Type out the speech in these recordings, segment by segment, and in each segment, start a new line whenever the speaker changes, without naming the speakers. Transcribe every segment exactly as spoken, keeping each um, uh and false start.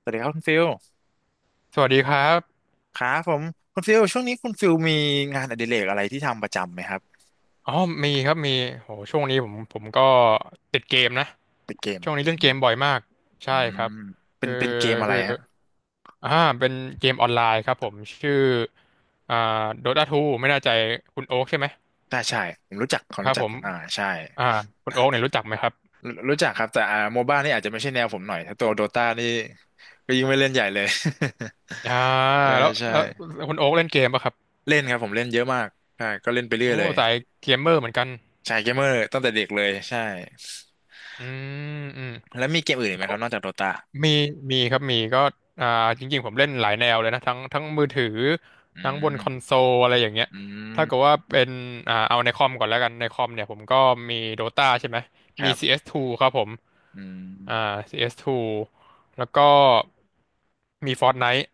สวัสดีครับคุณฟิล
สวัสดีครับ
ครับผมคุณฟิลช่วงนี้คุณฟิลมีงานอดิเรกอะไรที่ทำประจำไหมครับ
อ๋อมีครับมีโหช่วงนี้ผมผมก็ติดเกมนะ
เป็นเกม
ช่วงนี้
เป็น
เล่นเกมบ่อยมาก
อื
ใช่ค
ม
รับ
เป็น
คือ
เป็นเกมอะไร
คือ
ฮะ
อ่าเป็นเกมออนไลน์ครับผมชื่ออ่า Dota ทูไม่แน่ใจคุณโอ๊คใช่ไหม
ใช่ใช่ผมรู้จักผม
ครั
รู้
บ
จั
ผ
ก
ม
อ่าใช่
อ่าคุณโอ๊คเนี่ยรู้จักไหมครับ
รู้รู้จักครับแต่อ่าโมบ้านี่อาจจะไม่ใช่แนวผมหน่อยถ้าตัวโดตานี่ก็ยิ่งไม่เล่นใหญ่เลย
อ่า
ใช่
แล้ว
ใช่
เออคุณโอ๊คเล่นเกมป่ะครับ
เล่นครับผมเล่นเยอะมากใช่ก็เล่นไปเรื่อย
โอ้
เลย
สายเกมเมอร์เหมือนกัน
ใช่เกมเมอร์ตั้งแต่เด็กเลยใช่
อืมอืม
แล้วมีเกมอื่นอีกไหมครับนอกจากโดตา
มีมีครับมีก็อ่าจริงๆผมเล่นหลายแนวเลยนะทั้งทั้งมือถือ
อื
ทั้งบน
ม
คอนโซลอะไรอย่างเงี้ย
อื
ถ้าเกิด
ม
ว่าเป็นอ่าเอาในคอมก่อนแล้วกันในคอมเนี่ยผมก็มี Dota ใช่ไหม
ค
มี
รับ
ซี เอส ทู ครับผม
อืม
อ่า ซี เอส ทู แล้วก็มี Fortnite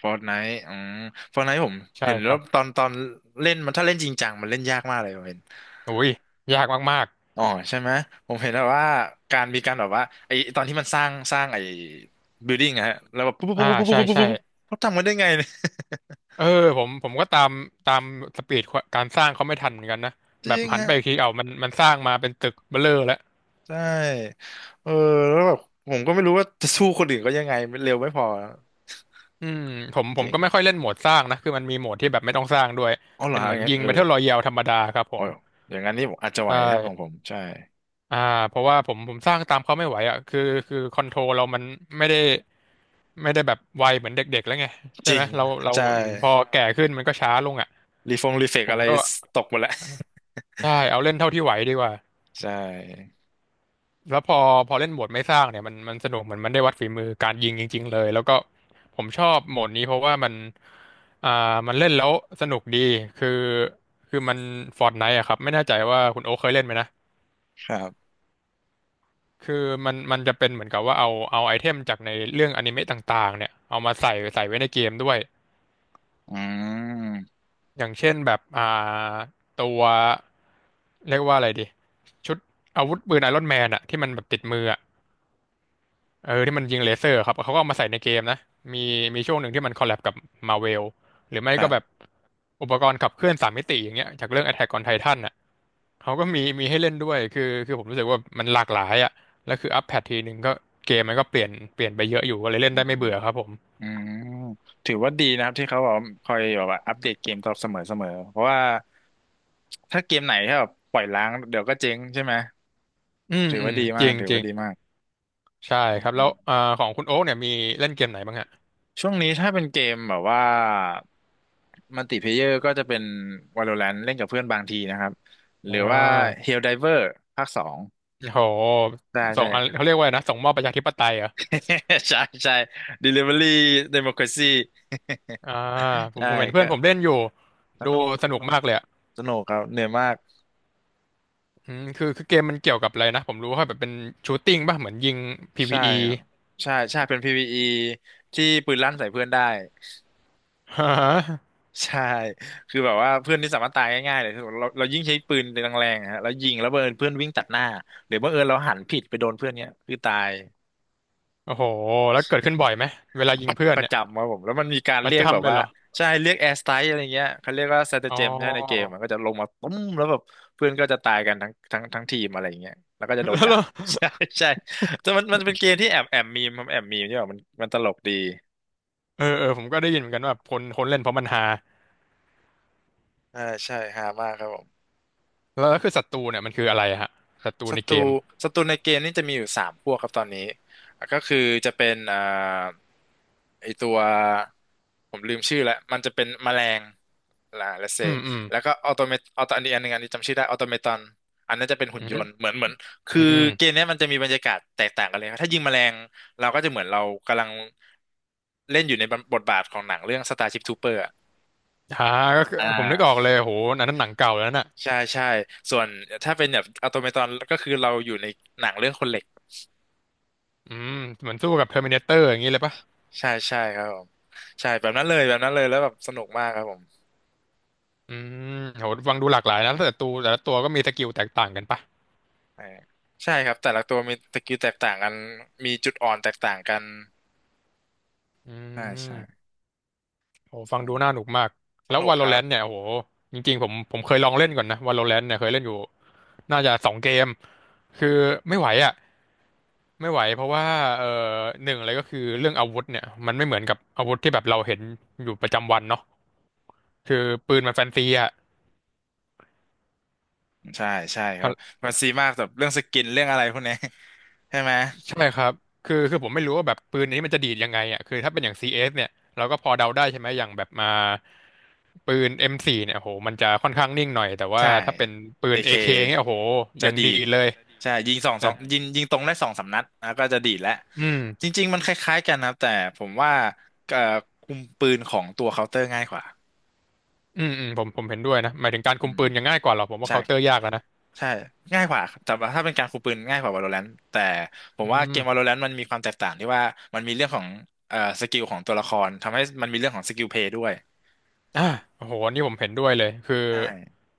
ฟอร์ n ไนท์อืมฟอร์ n ไนท์ผม
ใช่
เห็น
ค
แล้
รั
ว
บ
ตอนตอนเล่นมันถ้าเล่นจริงจังมันเล่นยากมากเลยผมเห็น
อุ้ยยากมาก
อ๋อใช่ไหมผมเห็นแบบวว่าการมีการแบบว่าไอตอนที่มันสร้างสร้างไอบิลดิ้งฮะแล้วแบบปุ๊บปุ๊
ๆอ่า
บปุ๊บปุ๊บ
ใช่
ปุ๊บปุ๊บ
ใช่
ปุ๊บปุ๊บเขาทำกันได้ไงเนี่ย
เออผมผมก็ตามตามสปีดการสร้างเขาไม่ทันเหมือนกันนะ
จ
แบ
ริ
บ
ง
หันไป
ฮะ
อีกทีเอามันมันสร้างมาเป็นตึกเบ้อเร่อแล้ว
ใช่เออแล้วแบบผมก็ไม่รู้ว่าจะสู้คนอื่นก็ยังไงมันเร็วไม่พอ
อืมผมผ
จ
ม
ริง
ก็ไม่ค่อยเล่นโหมดสร้างนะคือมันมีโหมดที่แบบไม่ต้องสร้างด้วย
อ๋อเหรอ
เป็นเห
ฮะอ
มือ
ย่า
น
งนั้น
ยิง
เออ
Battle Royale ธรรมดาครับผ
อ๋อ
ม
อย่างนั้นนี่ผมอาจจะไห
ใช
วถ้าของผ
่
มใช่
อ่าเพราะว่าผมผมสร้างตามเขาไม่ไหวอ่ะคือคือคอนโทรลเรามันไม่ได้ไม่ได้แบบไวเหมือนเด็กๆแล้วไงใช่
จริ
ไหม
ง
เราเรา
ใช่
พอแก่ขึ้นมันก็ช้าลงอ่ะ
รีฟงรีเฟก
ผม
อะไร
ก็
ตกหมดแล้ว
ใช่เอาเล่นเท่าที่ไหวดีกว่า
ใช่
แล้วพอพอเล่นโหมดไม่สร้างเนี่ยมันมันสนุกเหมือนมันได้วัดฝีมือการยิงจริงๆเลยแล้วก็ผมชอบโหมดนี้เพราะว่ามันอ่ามันเล่นแล้วสนุกดีคือคือมัน Fortnite อะครับไม่แน่ใจว่าคุณโอ๊คเคยเล่นไหมนะ
ครับ
คือมันมันจะเป็นเหมือนกับว่าเอาเอาไอเทมจากในเรื่องอนิเมะต่างๆเนี่ยเอามาใส่ใส่ไว้ในเกมด้วย
อืม
อย่างเช่นแบบอ่าตัวเรียกว่าอะไรดีชุดอาวุธปืนไอรอนแมนอะที่มันแบบติดมืออะ เออที่มันยิงเลเซอร์ครับเขาก็เอามาใส่ในเกมนะมีมีช่วงหนึ่งที่มันคอลแลบกับมาเวลหรือไม่
ครั
ก็แบบ
บ
อุปกรณ์ขับเคลื่อนสามมิติอย่างเงี้ยจากเรื่อง Attack on Titan น่ะเขาก็มีมีให้เล่นด้วยคือคือผมรู้สึกว่ามันหลากหลายอ่ะแล้วคืออัปแพททีหนึ่งก็เกมมันก็เปลี่ยนเปลี่ยนไปเยอะอยู่ก็เลยเล่
อื
นได้
ม
ไม่เบื่อครับผม
อืมถือว่าดีนะครับที่เขาแบบคอยแบบว่าอัปเดตเกมตลอดเสมอเสมอเพราะว่าถ้าเกมไหนที่แบบปล่อยล้างเดี๋ยวก็เจ๊งใช่ไหม
อืม
ถือ
อื
ว่า
ม
ดี
จ
มาก
ริง
ถือ
จริ
ว่า
ง
ดีมาก
ใช่
อื
ครับแล้ว
ม
อ่าของคุณโอ๊กเนี่ยมีเล่นเกมไหนบ้างฮะ
ช่วงนี้ถ้าเป็นเกมแบบว่ามัลติเพลเยอร์ก็จะเป็น Valorant เล่นกับเพื่อนบางทีนะครับ ห
อ่
รือว่า
า
Helldiver ภาคสอง
โห
ใช่
ส่
ใช่
งอะไรเขาเรียกว่าอะไรนะส่งมอบประชาธิปไตยเหรอ
ใช่ใช่ Delivery Democracy
อ่าผม
ใช่
ผมเห็นเพื่อ
ก็
นผมเล่นอยู่
ส
ดู
นุก
ส
ส
นุก
นุก
มากเลย
สนุกครับเหนื่อยมาก
อืมคือคือเกมมันเกี่ยวกับอะไรนะผมรู้ว่าแบบเป็นชูตติ้งป่ะเหมือนยิง
ใช่
พี วี อี
ครับใช่ใช่เป็น พี วี อี ที่ปืนลั่นใส่เพื่อนได้
ฮะ
ใช่คือแบบว่าเพื่อนที่สามารถตายง่ายๆเลยคือเราเรายิ่งใช้ปืนแรงๆอะฮะแล้วยิงแล้วบังเอิญเพื่อนวิ่งตัดหน้าหรือบังเอิญเราหันผิดไปโดนเพื่อนเนี้ยคือตาย
โอ้โหแล้วเกิดขึ้นบ่อยไหมเวลายิ
ป
ง
ระ
เพื่อน
ประ
เนี่ย
จำครับผมแล้วมันมีการ
ป
เรี
ระ
ยกแบบ
จำเลย
ว่า
เหรอ
ใช่เรียกแอร์สไตล์อะไรเงี้ยเขาเรียกว่าสเต
อ๋อ
เจมเนี่ยในเกมมันก็จะลงมาตุ้มแล้วแบบเพื่อนก็จะตายกันทั้งทั้งทั้งทีมอะไรเงี้ยแล้วก็จะโดน
แล้วเห
ด่า
รอ
ใช่ใช่แต่มันมันเป็นเกมที่แอบแอบมีมครับแอบมีมใช่ป่ะมันมันตลกดี
เออเออผมก็ได้ยินเหมือนกันว่าคนคนเล่นเพราะมันฮา
อ่าใช่ฮามากครับผม
แล้วแล้วคือศัตรูเนี่ยมันคืออะไรฮะศัตรู
ศั
ใน
ต
เก
รู
ม
ศัตรูในเกมนี่จะมีอยู่สามพวกครับตอนนี้อ่ะก็คือจะเป็นเอ่อไอตัวผมลืมชื่อแล้วมันจะเป็นแมลงล่ะ let's
อื
say
มอืม
แล้วก็ออโตเมตออโตอันนี้อันหนึงอันนี้จำชื่อได้ออโตเมตอนอันนั้นจะเป็นหุ่
อื
นย
ม
นต์เหมือนเหมือน
อื
คือ
ม
เกมเนี้ยมันจะมีบรรยากาศแตกต่างกันเลยครับถ้ายิงแมลงเราก็จะเหมือนเรากำลังเล่นอยู่ในบทบาทของหนังเรื่อง Starship Trooper อะ
ฮาก็คือ
อ่
ผมนึกออก
า
เลยโหอันนั้นหนังเก่าแล้วน่ะ
ใช่ใช่ส่วนถ้าเป็นแบบออโตเมตอนก็คือเราอยู่ในหนังเรื่องคนเหล็ก
อืมเหมือนสู้กับ Terminator อย่างนี้เลยป่ะ
ใช่ใช่ครับผมใช่แบบนั้นเลยแบบนั้นเลยแล้วแบบสนุกมากครับผม
อืมโหฟังดูหลากหลายนะแต่ละตัวแต่ละตัวก็มีสกิลแตกต่างกันป่ะ
เออใช่ครับแต่ละตัวมีสกิลแตกต่างกันมีจุดอ่อนแตกต่างกัน
อื
ใช่ใช่
ม โอ้ฟัง
ใช่
ดูน่าหนุกมาก
ส
แล้ว
นุกครับ
Valorant เนี่ยโอ้โหจริงๆผมผมเคยลองเล่นก่อนนะ Valorant เนี่ยเคยเล่นอยู่น่าจะสองเกมคือไม่ไหวอ่ะไม่ไหวเพราะว่าเอ่อหนึ่งเลยก็คือเรื่องอาวุธเนี่ยมันไม่เหมือนกับอาวุธที่แบบเราเห็นอยู่ประจำวันเนาะคือปืนมันแฟนซีอ่ะ
ใช่ใช่ครับมันซีมากแบบเรื่องสกินเรื่องอะไรพวกเนี้ยใช่ไหม
ใช่ครับคือคือผมไม่รู้ว่าแบบปืนนี้มันจะดีดยังไงอ่ะคือถ้าเป็นอย่าง ซี เอส เอสเนี่ยเราก็พอเดาได้ใช่ไหมอย่างแบบมาปืน เอ็ม โฟร์ เนี่ยโอ้โหมันจะค่อนข้างนิ่งหน่อยแต่ว่า
ใช่
ถ้าเป็นปื
เอ
นเ k
เค
เคเนี่ยโอ้โหอ
จะ
ย่าง
ดี
ดี
ด
ดเลย
ใช่ยิงสองสองยิงยิงตรงได้สองสามนัดแล้วก็จะดีดแล้ว
อืม
จริงๆมันคล้ายๆกันนะครับแต่ผมว่าเอ่อคุมปืนของตัวเคาน์เตอร์ง่ายกว่า
อืมอืมผมผมเห็นด้วยนะหมายถึงการ
อื
คุม
ม
ปืนยังง่ายกว่าหรอกผมว่า
ใช่
เคาน์เตอร์ยากแล้วนะ
ใช่ง่ายกว่าแต่ว่าถ้าเป็นการคุมปืนง่ายกว่า Valorant แต่ผม
อื
ว่า
ม
เกม Valorant มันมีความแตกต่างที่ว่ามันมีเรื่องของเอ่อสกิลของตัวละครทำให้มันมีเรื่องของสกิลเพลย์ด้วย
อ่าโอ้โหอันนี่ผมเห็นด้วยเลยคือ
ใช่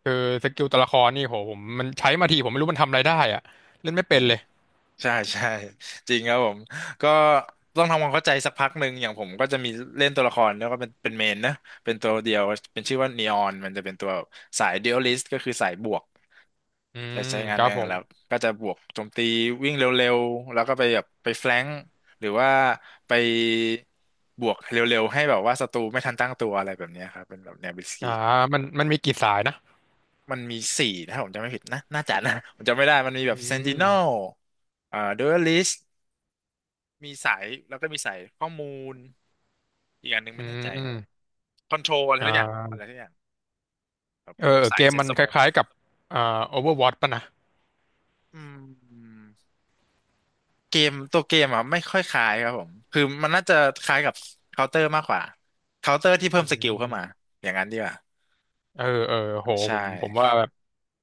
คือสกิลตัวละครนี่โหผมมันใช้มาทีผมไม่รู้มันทำอะไรได้อะเล่นไม่
ใช่
เป็นเลย
ใช่ใช่จริงครับผมก็ต้องทำความเข้าใจสักพักหนึ่งอย่างผมก็จะมีเล่นตัวละครแล้วก็เป็นเป็นเมนนะเป็นตัวเดียวเป็นชื่อว่านีออนมันจะเป็นตัวสายเด เอ แอล ไอ ลิสต์ก็คือสายบวก
อื
จะ
ม
ใช้งา
ค
น
รั
เอ
บ
ง
ผม
แล้วก็จะบวกโจมตีวิ่งเร็วๆแล้วก็ไปแบบไปแฟลงก์หรือว่าไปบวกเร็วๆให้แบบว่าศัตรูไม่ทันตั้งตัวอะไรแบบเนี้ยครับเป็นแบบแนวบิสกิ
อ่า
ก
มันมันมีกี่สายนะ
มันมีสี่ถ้าผมจำไม่ผิดนะน่าจะนะผมจำไม่ได้มันมีแบ
อื
บเซนติ เอ็น น แอล
ม
เอ่อดูอลิสมีสายแล้วก็มีสายข้อมูลอีกอันหนึง
อื
ไม่แน่ใจครับ
ม
คอนโทรลอะไรทุกอย่าง
อ่า
อะไรทุกอย่างแบบ
เออ
พวก
เออ
สา
เก
ย
ม
เซ็ต
มัน
ส
ค
โมก
ล้ายๆกับอ่า Overwatch ป่ะนะ
อืม เกมตัวเกมอ่ะไม่ค่อยคล้ายครับผมคือมันน่าจะคล้ายกับเคาน์เตอร์มากกว่าเคาน์เตอร์ที่เพิ่
อื
มสกิลเข้ามา
ม
อย่างนั้นดีกว่า
เออเออโห
ใช
ผมผมว่า
่
แบบ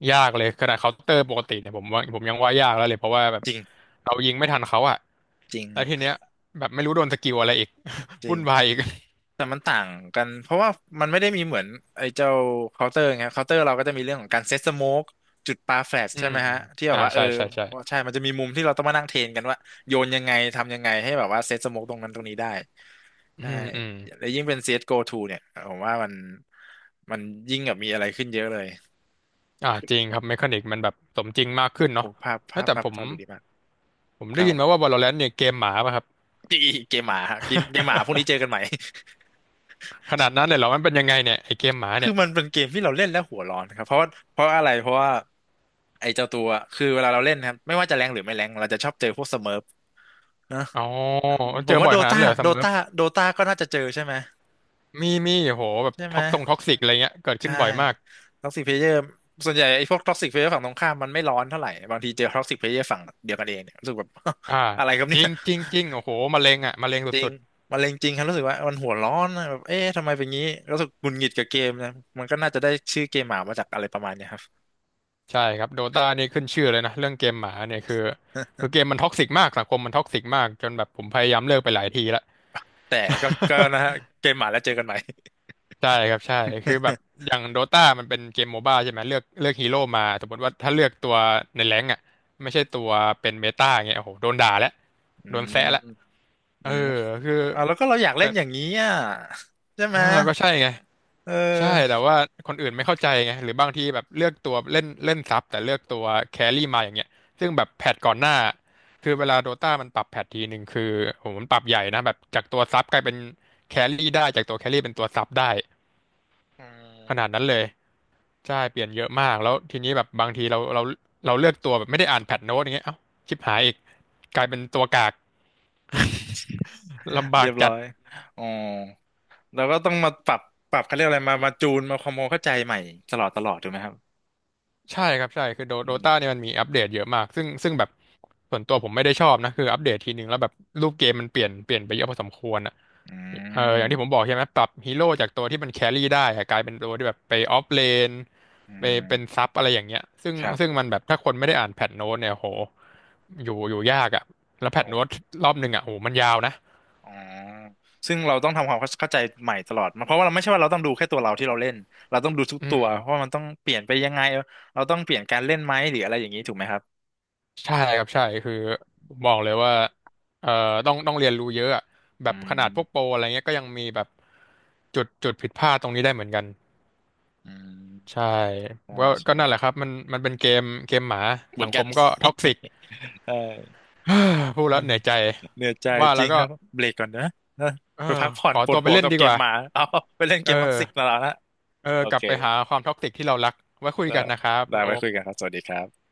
ยากเลยขนาดเคาน์เตอร์ปกติเนี่ยผมว่าผมยังว่ายากแล้วเลยเพราะว่าแบบ
จริง
เรายิงไม่ทันเขาอะ
จริง
แล้
ค
ว
รับ
ทีเนี้ยแบบไม่รู้โดนสกิลอะไรอีก
จ ริ
วุ่
ง
นวายอีก
แต่มันต่างกันเพราะว่ามันไม่ได้มีเหมือนไอ้เจ้าเคาน์เตอร์ไงเคาน์เตอร์เราก็จะมีเรื่องของการเซตสโมกจุดปาแฟลช
อื
ใช่
ม
ไหมฮะที่แบ
อ่า
บว่าเออ
ใช่ใช่ใช่
ใช่มันจะมีมุมที่เราต้องมานั่งเทรนกันว่าโยนยังไงทำยังไงให้แบบว่าเซตสโมกตรงนั้นตรงนี้ได้
อื
ใช่
มอืม
แล้วยิ่งเป็น ซี เอส จี โอ ูเนี่ยผมว่ามันมันยิ่งแบบมีอะไรขึ้นเยอะเลย
อ่าจริงครับเมคานิกมันแบบสมจริงมากขึ้นเนาะ
โอ้ภาพ
เอ้
ภา
ย
พ
แต่
ภาพ
ผม
ภาพดูดีมาก
ผม
ค
ได้
รับผ
ยิน
ม
มาว่า Valorant เนี่ยเกมหมาป่ะครับ
เกมหมาฮะเกมเกมหมาพรุ่งนี้เจอกันใหม่
ขนาดนั้นเลยเหรอมันเป็นยังไงเนี่ยไอเกมหมา
คือ
เนี่ย
มันเป็นเกมที่เราเล่นแล้วหัวร้อนครับเพราะว่าเพราะอะไรเพราะว่าไอ้เจ้าตัวคือเวลาเราเล่นนะครับไม่ว่าจะแรงหรือไม่แรงเราจะชอบเจอพวกสเมิร์ฟนะ
อ๋อ
อืมผ
เจ
ม
อ
ว่า
บ่อ
โด
ยขนาด
ตา
นั้นเลยเหรอซั
โด
มเมอร์
ตาโดตาก็น่าจะเจอใช่ไหม
มีมีโหแบบ
ใช่ไหม
ท็อกซงท็อกซิกอะไรเงี้ยเกิดขึ้
ใช่
นบ่อยมาก
ท็อกซิกเพลเยอร์ส่วนใหญ่ไอ้พวกท็อกซิกเพลเยอร์ฝั่งตรงข้ามมันไม่ร้อนเท่าไหร่บางทีเจอท็อกซิกเพลเยอร์ฝั่งเดียวกันเองเนี่ยรู้สึกแบบ
อ่า
อะไรครับ
จ
เนี่ย
ริงจริงจริงโอ้โหมะเร็งอ่ะมะเร็ง
จริ
สุ
ง
ดๆ
มะเร็งจริงครับรู้สึกว่ามันหัวร้อนนะแบบเอ๊ะทำไมเป็นงี้รู้สึกหงุดหงิดกับเกมนะมันก็น่าจะได้ชื่อเกมหมามาจากอะไรประมาณเนี้ยครับ
ใช่ครับโดตานี่ขึ้นชื่อเลยนะเรื่องเกมหมาเนี่ยคือคือเกมมันท็อกซิกมากสังคมมันท็อกซิกมากจนแบบผมพยายามเลิกไปหลายทีละ
แต่ก็ก็นะฮะเกมหมาแล้วเจอกันใหม่
ใช่ครับใช่คือแบบอ ย่างโดตามันเป็นเกมโมบ้าใช่ไหมเลือกเลือกฮีโร่มาสมมติว่าถ้าเลือกตัวในแรงค์อ่ะไม่ใช่ตัวเป็นเมตาเงี้ยโอ้โหโดนด่าแล้ว
อื
โดนแซะแล้ว
มอื
เออ
ม
คือ
อ่าแล้วก็เราอยากเล่
แต่
นอย่างนี้อ่ะใช่ไห
เอ
ม
อก็ใช่ไง
เอ
ใช่
อ
แต่ว่าคนอื่นไม่เข้าใจไงหรือบางทีแบบเลือกตัวเล่นเล่นซับแต่เลือกตัวแครี่มาอย่างเงี้ยซึ่งแบบแพทก่อนหน้าคือเวลาโดต้ามันปรับแพททีหนึ่งคือโหมันปรับใหญ่นะแบบจากตัวซับกลายเป็นแครี่ได้จากตัวแครี่เป็นตัวซับได้
อื
ขนาด
ม
นั้นเลยใช่เปลี่ยนเยอะมากแล้วทีนี้แบบบางทีเราเราเราเลือกตัวแบบไม่ได้อ่านแพทโน้ตอย่างเงี้ยเอ้าชิบหายอีกกลายเป็นตัวกากลำบา
เรี
ก
ยบร้
จั
อ
ด
ยอ๋อแล้าก็ต้องมาปรับปรับเขาเรียกอะไรมามาจูนมาความเข้าใจใหม่ตลอดตลอดถูกไหมครับ
ใช่ครับใช่คือโดโด
อืม
ตาเนี่ยมันมีอัปเดตเยอะมากซึ่งซึ่งแบบส่วนตัวผมไม่ได้ชอบนะคืออัปเดตทีนึงแล้วแบบรูปเกมมันเปลี่ยนเปลี่ยนไปเยอะพอสมควรอ่ะ
อื
เอออย่างที่ผม
ม
บอกใช่ไหมปรับฮีโร่จากตัวที่มันแครี่ได้อะกลายเป็นตัวที่แบบไปออฟเลน
อื
ไปเป็น
ม
ซับอะไรอย่างเงี้ยซึ่ง
ครั
ซึ่ง
บ
มันแบบถ้าคนไม่ได้อ่านแพทโน้ตเนี่ยโหอยู่อยู่ยากอ่ะแล้วแพท
โอ้
โน้ตรอบหนึ่งอ่ะโหมันยาวนะ
อ๋อซึ่งเราต้องทำความเข้าใจใหม่ตลอดมันเพราะว่าเราไม่ใช่ว่าเราต้องดูแค่ตัวเราที่เราเล่นเราต้องดูทุก
อื
ตั
ม
วเพราะว่ามันต้องเปลี่ยนไปยังไงเราต้องเปลี่ยนการเล่นไหมหรืออะไรอย่างนี้ถูกไหมครับ
ใช่ครับใช่คือบอกเลยว่าเอ่อต้องต้องเรียนรู้เยอะอะแบ
อื
บขนาดพวกโปร
ม
อะไรเงี้ยก็ยังมีแบบจุดจุดผิดพลาดตรงนี้ได้เหมือนกัน
อื
ใช่
มใช่
ก็ก็
ใช่
นั่นแหละครับมันมันเป็นเกมเกมหมา
เหมื
สั
อน
งค
กัน
มก็ท็อกซิก
ใช่
พูด
เออ
แล้วเหนื่อยใจ
เหนื่อยใจ
ว่า
จ
แล้
ริ
ว
ง
ก็
ครับเบรกก่อนนะนะ
เอ
ไป
อ
พักผ่อ
ข
น
อ
ปว
ตั
ด
วไป
หัว
เล่น
กับ
ดี
เก
ก
ม
ว่า
หมาเอา ไปเล่น
เอ
เก
อ
มพับสิกมาแล้วนะ
เออ
โอ
กลั
เค
บไปหาความท็อกซิกที่เรารักไว้คุย
ได้
กันนะครับคุ
ได้
ณโอ๊
ไว้คุยกันครับสวัสดีครับ